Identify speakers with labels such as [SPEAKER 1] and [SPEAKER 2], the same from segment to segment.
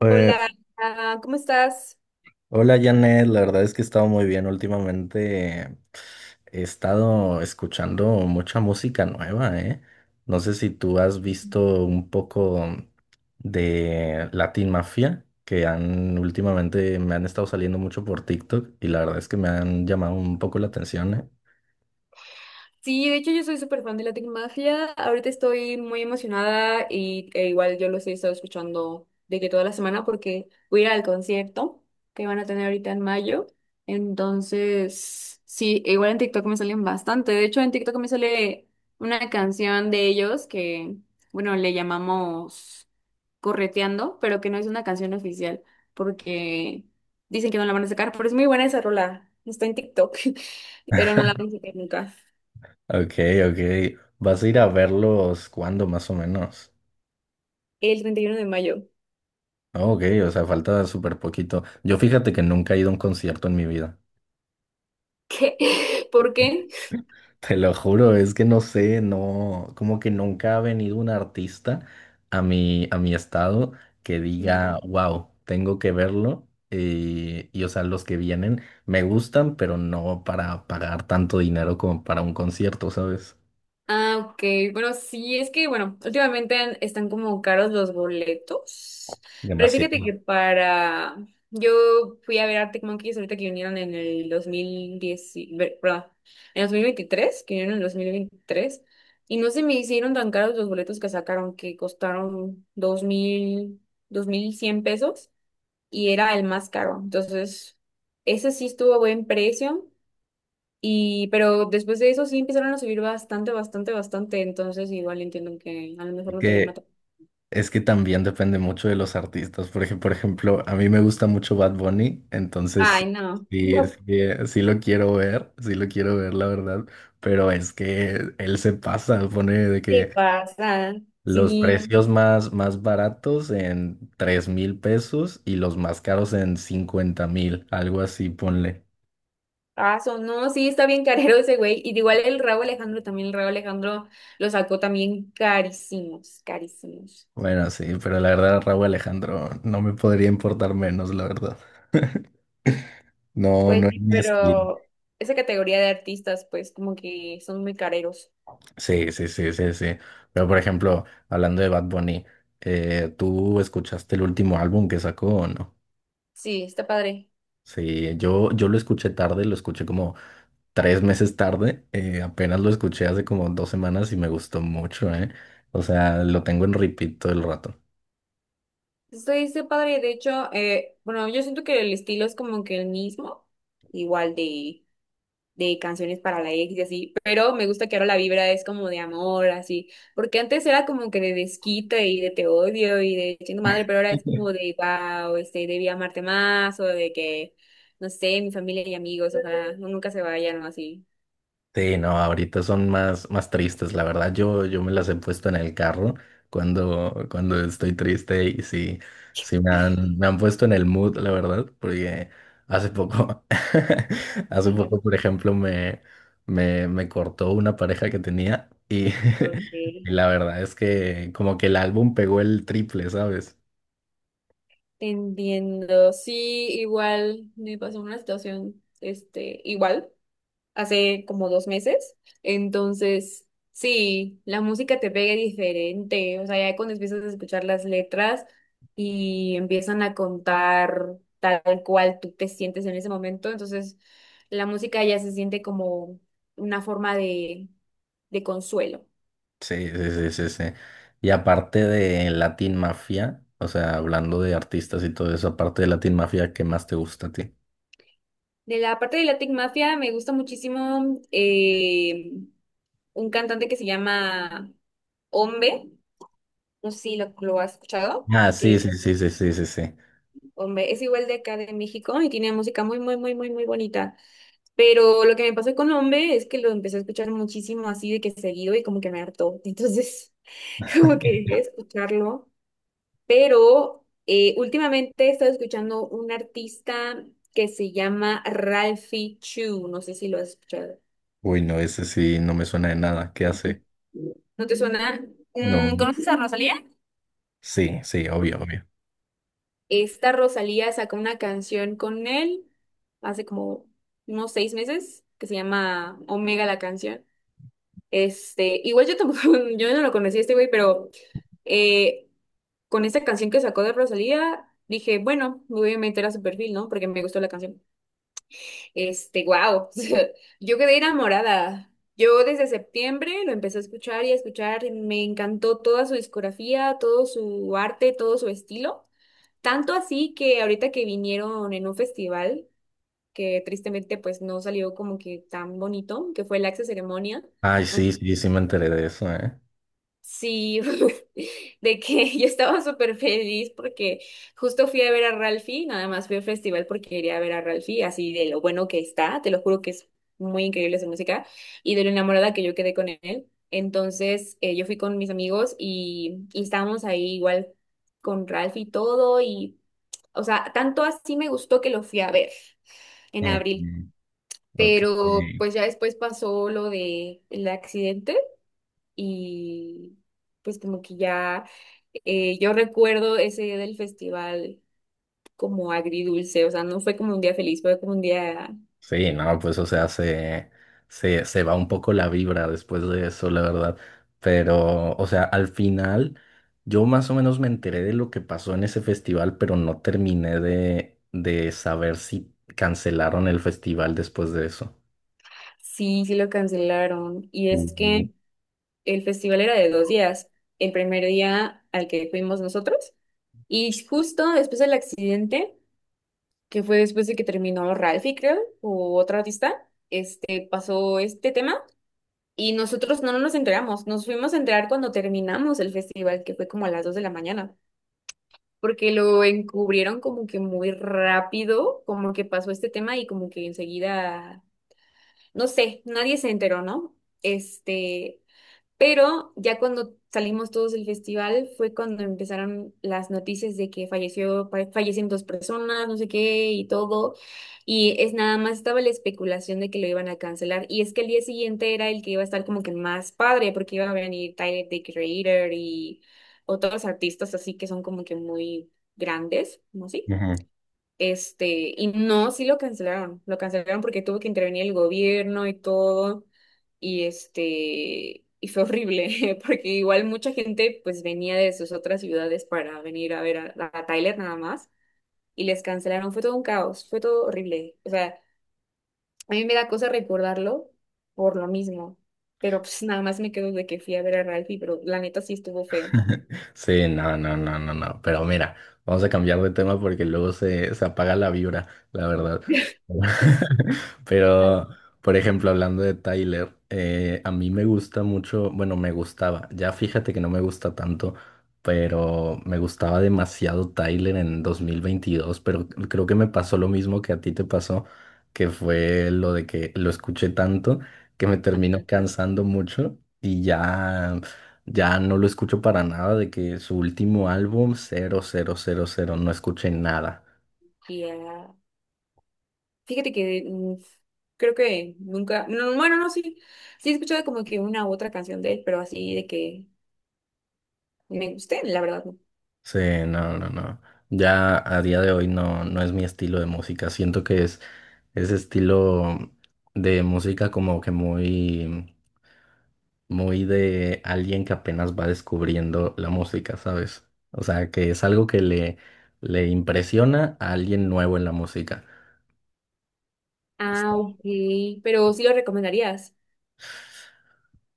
[SPEAKER 1] Eh,
[SPEAKER 2] Hola, Ana, ¿cómo estás?
[SPEAKER 1] Hola Janet, la verdad es que he estado muy bien últimamente. He estado escuchando mucha música nueva, ¿eh? No sé si tú has visto un poco de Latin Mafia, que han últimamente me han estado saliendo mucho por TikTok, y la verdad es que me han llamado un poco la atención, ¿eh?
[SPEAKER 2] Sí, de hecho yo soy súper fan de Latin Mafia. Ahorita estoy muy emocionada e igual yo los he estado escuchando de que toda la semana porque voy a ir al concierto que van a tener ahorita en mayo. Entonces, sí, igual en TikTok me salen bastante. De hecho, en TikTok me sale una canción de ellos que, bueno, le llamamos Correteando, pero que no es una canción oficial porque dicen que no la van a sacar, pero es muy buena esa rola. Está en TikTok, pero no la van a sacar nunca.
[SPEAKER 1] Ok, ok. ¿Vas a ir a verlos cuándo más o menos?
[SPEAKER 2] El 31 de mayo.
[SPEAKER 1] Ah, ok, o sea, falta súper poquito. Yo fíjate que nunca he ido a un concierto en mi vida.
[SPEAKER 2] ¿Qué? ¿Por qué?
[SPEAKER 1] Te lo juro, es que no sé, no, como que nunca ha venido un artista a mi estado que
[SPEAKER 2] Mm.
[SPEAKER 1] diga, ujú, wow, tengo que verlo. Y o sea, los que vienen me gustan, pero no para pagar tanto dinero como para un concierto, ¿sabes?
[SPEAKER 2] Ah, ok. Bueno, sí, es que, bueno, últimamente están como caros los boletos. Pero fíjate
[SPEAKER 1] Demasiado.
[SPEAKER 2] que para. Yo fui a ver Arctic Monkeys ahorita que vinieron en el 2010, perdón, en 2023 que vinieron en 2023. Y no se me hicieron tan caros los boletos que sacaron, que costaron 2100 pesos. Y era el más caro. Entonces, ese sí estuvo a buen precio. Y, pero después de eso sí empezaron a subir bastante, bastante, bastante. Entonces igual entiendo que a lo mejor
[SPEAKER 1] Es
[SPEAKER 2] no te llama
[SPEAKER 1] que
[SPEAKER 2] tanto.
[SPEAKER 1] Es que también depende mucho de los artistas, porque por ejemplo, a mí me gusta mucho Bad Bunny, entonces
[SPEAKER 2] Ay, no.
[SPEAKER 1] sí, sí, sí lo quiero ver, sí lo quiero ver, la verdad, pero es que él se pasa, pone de
[SPEAKER 2] ¿Qué
[SPEAKER 1] que
[SPEAKER 2] pasa?
[SPEAKER 1] los
[SPEAKER 2] Sí,
[SPEAKER 1] precios más baratos en 3,000 pesos y los más caros en 50,000, algo así, ponle.
[SPEAKER 2] paso. No, sí, está bien carero ese güey. Y de igual el Rauw Alejandro también. El Rauw Alejandro lo sacó también carísimos, carísimos.
[SPEAKER 1] Bueno, sí, pero la verdad, Raúl Alejandro, no me podría importar menos, la verdad. No,
[SPEAKER 2] Pues
[SPEAKER 1] no es
[SPEAKER 2] sí,
[SPEAKER 1] mi estilo.
[SPEAKER 2] pero esa categoría de artistas, pues como que son muy careros.
[SPEAKER 1] Sí, sí, sí, sí, sí. Pero por ejemplo, hablando de Bad Bunny, ¿tú escuchaste el último álbum que sacó o no?
[SPEAKER 2] Sí, está padre.
[SPEAKER 1] Sí, yo lo escuché tarde, lo escuché como 3 meses tarde, apenas lo escuché hace como 2 semanas y me gustó mucho, ¿eh? O sea, lo tengo en repeat todo el rato.
[SPEAKER 2] Estoy, está padre. De hecho, bueno, yo siento que el estilo es como que el mismo. Igual de canciones para la ex y así, pero me gusta que ahora la vibra es como de amor, así, porque antes era como que de desquite y de te odio y de chingo madre, pero ahora es como de wow, este, debí amarte más o de que, no sé, mi familia y amigos, o sea no, nunca se vayan o así.
[SPEAKER 1] Sí, no, ahorita son más tristes, la verdad. Yo me las he puesto en el carro cuando estoy triste, y sí, sí me han puesto en el mood, la verdad, porque hace poco, hace
[SPEAKER 2] Ajá.
[SPEAKER 1] poco, por ejemplo, me cortó una pareja que tenía y, y
[SPEAKER 2] Okay.
[SPEAKER 1] la verdad es que como que el álbum pegó el triple, ¿sabes?
[SPEAKER 2] Te entiendo, sí, igual me pasó una situación, este, igual, hace como 2 meses. Entonces, sí, la música te pega diferente. O sea, ya cuando empiezas a escuchar las letras y empiezan a contar tal cual tú te sientes en ese momento, entonces la música ya se siente como una forma de consuelo.
[SPEAKER 1] Sí, sí, sí, sí, sí. Y aparte de Latin Mafia, o sea, hablando de artistas y todo eso, aparte de Latin Mafia, ¿qué más te gusta a ti?
[SPEAKER 2] De la parte de Latin Mafia me gusta muchísimo un cantante que se llama Ombe, no sé si lo has escuchado,
[SPEAKER 1] Ah, sí,
[SPEAKER 2] que
[SPEAKER 1] sí, sí, sí, sí, sí, sí.
[SPEAKER 2] Hombre, es igual de acá de México y tiene música muy, muy, muy, muy, muy bonita. Pero lo que me pasó con Hombre es que lo empecé a escuchar muchísimo así de que seguido y como que me hartó. Entonces, como que dejé de escucharlo. Pero últimamente he estado escuchando un artista que se llama Ralphie Chu. No sé si lo has escuchado.
[SPEAKER 1] Uy, no, ese sí no me suena de nada. ¿Qué hace?
[SPEAKER 2] ¿No te suena?
[SPEAKER 1] No.
[SPEAKER 2] ¿Conoces a Rosalía?
[SPEAKER 1] Sí, sí, obvio, obvio.
[SPEAKER 2] Esta Rosalía sacó una canción con él hace como unos 6 meses que se llama Omega la canción. Igual yo tampoco, yo no lo conocí a este güey, pero eh, con esta canción que sacó de Rosalía, dije, bueno, me voy a meter a su perfil, ¿no? Porque me gustó la canción. Wow, yo quedé enamorada. Yo desde septiembre lo empecé a escuchar y a escuchar, me encantó toda su discografía, todo su arte, todo su estilo. Tanto así que ahorita que vinieron en un festival, que tristemente pues no salió como que tan bonito, que fue el Axe Ceremonia,
[SPEAKER 1] Ay, sí, sí, sí me enteré de eso, ¿eh?
[SPEAKER 2] sí, de que yo estaba súper feliz porque justo fui a ver a Ralphie, nada más fui al festival porque quería ver a Ralphie, así de lo bueno que está, te lo juro que es muy increíble su música y de lo enamorada que yo quedé con él. Entonces yo fui con mis amigos y estábamos ahí igual con Ralphie y todo y, o sea, tanto así me gustó que lo fui a ver en
[SPEAKER 1] Ujú.
[SPEAKER 2] abril,
[SPEAKER 1] Ok.
[SPEAKER 2] pero pues ya después pasó lo del accidente y pues como que ya yo recuerdo ese día del festival como agridulce, o sea, no fue como un día feliz, fue como un día,
[SPEAKER 1] Sí, no, pues o sea, se va un poco la vibra después de eso, la verdad. Pero, o sea, al final yo más o menos me enteré de lo que pasó en ese festival, pero no terminé de saber si cancelaron el festival después de eso.
[SPEAKER 2] sí, sí lo cancelaron. Y es
[SPEAKER 1] Ujú.
[SPEAKER 2] que el festival era de 2 días, el primer día al que fuimos nosotros y justo después del accidente, que fue después de que terminó Ralphie, creo, o otro artista, pasó este tema. Y nosotros no nos enteramos, nos fuimos a enterar cuando terminamos el festival, que fue como a las 2 de la mañana. Porque lo encubrieron como que muy rápido, como que pasó este tema y como que enseguida, no sé, nadie se enteró, ¿no? Este, pero ya cuando salimos todos del festival fue cuando empezaron las noticias de que falleció, fallecen dos personas, no sé qué y todo. Y es nada más estaba la especulación de que lo iban a cancelar. Y es que el día siguiente era el que iba a estar como que más padre porque iba a venir Tyler, The Creator y otros artistas así que son como que muy grandes, ¿no? Sí.
[SPEAKER 1] Ujú.
[SPEAKER 2] Y no, sí lo cancelaron porque tuvo que intervenir el gobierno y todo, y y fue horrible, porque igual mucha gente pues venía de sus otras ciudades para venir a ver a Tyler nada más, y les cancelaron, fue todo un caos, fue todo horrible, o sea, a mí me da cosa recordarlo por lo mismo, pero pues nada más me quedo de que fui a ver a Ralphie, pero la neta sí estuvo feo.
[SPEAKER 1] Sí, no, no, no, no, no. Pero mira, vamos a cambiar de tema porque luego se apaga la vibra, la verdad.
[SPEAKER 2] Ay,
[SPEAKER 1] Pero, por ejemplo, hablando de Tyler, a mí me gusta mucho, bueno, me gustaba, ya fíjate que no me gusta tanto, pero me gustaba demasiado Tyler en 2022. Pero creo que me pasó lo mismo que a ti te pasó, que fue lo de que lo escuché tanto que me terminó
[SPEAKER 2] ajá,
[SPEAKER 1] cansando mucho y ya. Ya no lo escucho para nada, de que su último álbum, cero cero cero cero, no escuché nada.
[SPEAKER 2] ya. Fíjate que creo que nunca, no, bueno, no, sí, sí he escuchado como que una u otra canción de él, pero así de que me guste la verdad, no.
[SPEAKER 1] Sí, no, no, no. Ya a día de hoy no, no es mi estilo de música. Siento que es ese estilo de música como que muy, muy de alguien que apenas va descubriendo la música, ¿sabes? O sea, que es algo que le impresiona a alguien nuevo en la música.
[SPEAKER 2] Ah, ok, pero sí lo recomendarías.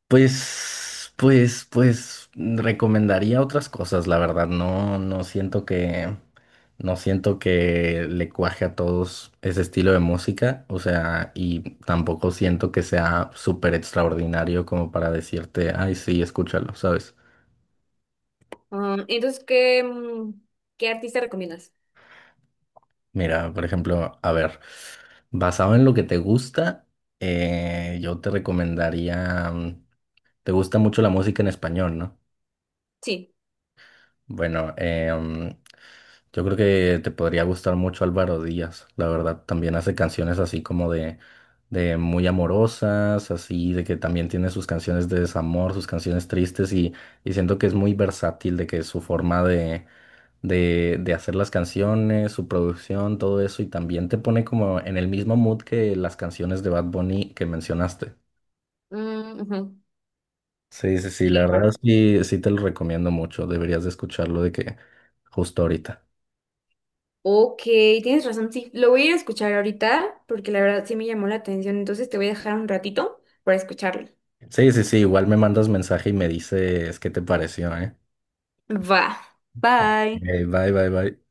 [SPEAKER 1] Pues recomendaría otras cosas, la verdad. No, no siento que le cuaje a todos ese estilo de música. O sea, y tampoco siento que sea súper extraordinario como para decirte, ay, sí, escúchalo, ¿sabes?
[SPEAKER 2] Ah, entonces, qué artista recomiendas?
[SPEAKER 1] Mira, por ejemplo, a ver, basado en lo que te gusta, yo te recomendaría, te gusta mucho la música en español, ¿no?
[SPEAKER 2] Sí.
[SPEAKER 1] Bueno, yo creo que te podría gustar mucho Álvaro Díaz, la verdad. También hace canciones así como de, muy amorosas, así de que también tiene sus canciones de desamor, sus canciones tristes, y siento que es muy versátil, de que su forma de hacer las canciones, su producción, todo eso, y también te pone como en el mismo mood que las canciones de Bad Bunny que mencionaste.
[SPEAKER 2] Mm, ujú.
[SPEAKER 1] Sí, sí, sí, la
[SPEAKER 2] Sí,
[SPEAKER 1] verdad
[SPEAKER 2] claro.
[SPEAKER 1] sí, sí te lo recomiendo mucho, deberías de escucharlo de que justo ahorita.
[SPEAKER 2] Ok, tienes razón, sí. Lo voy a ir a escuchar ahorita porque la verdad sí me llamó la atención, entonces te voy a dejar un ratito para escucharlo.
[SPEAKER 1] Sí, sí, sí, igual me mandas mensaje y me dices qué te pareció, ¿eh?
[SPEAKER 2] Va.
[SPEAKER 1] Ok,
[SPEAKER 2] Bye.
[SPEAKER 1] bye, bye, bye.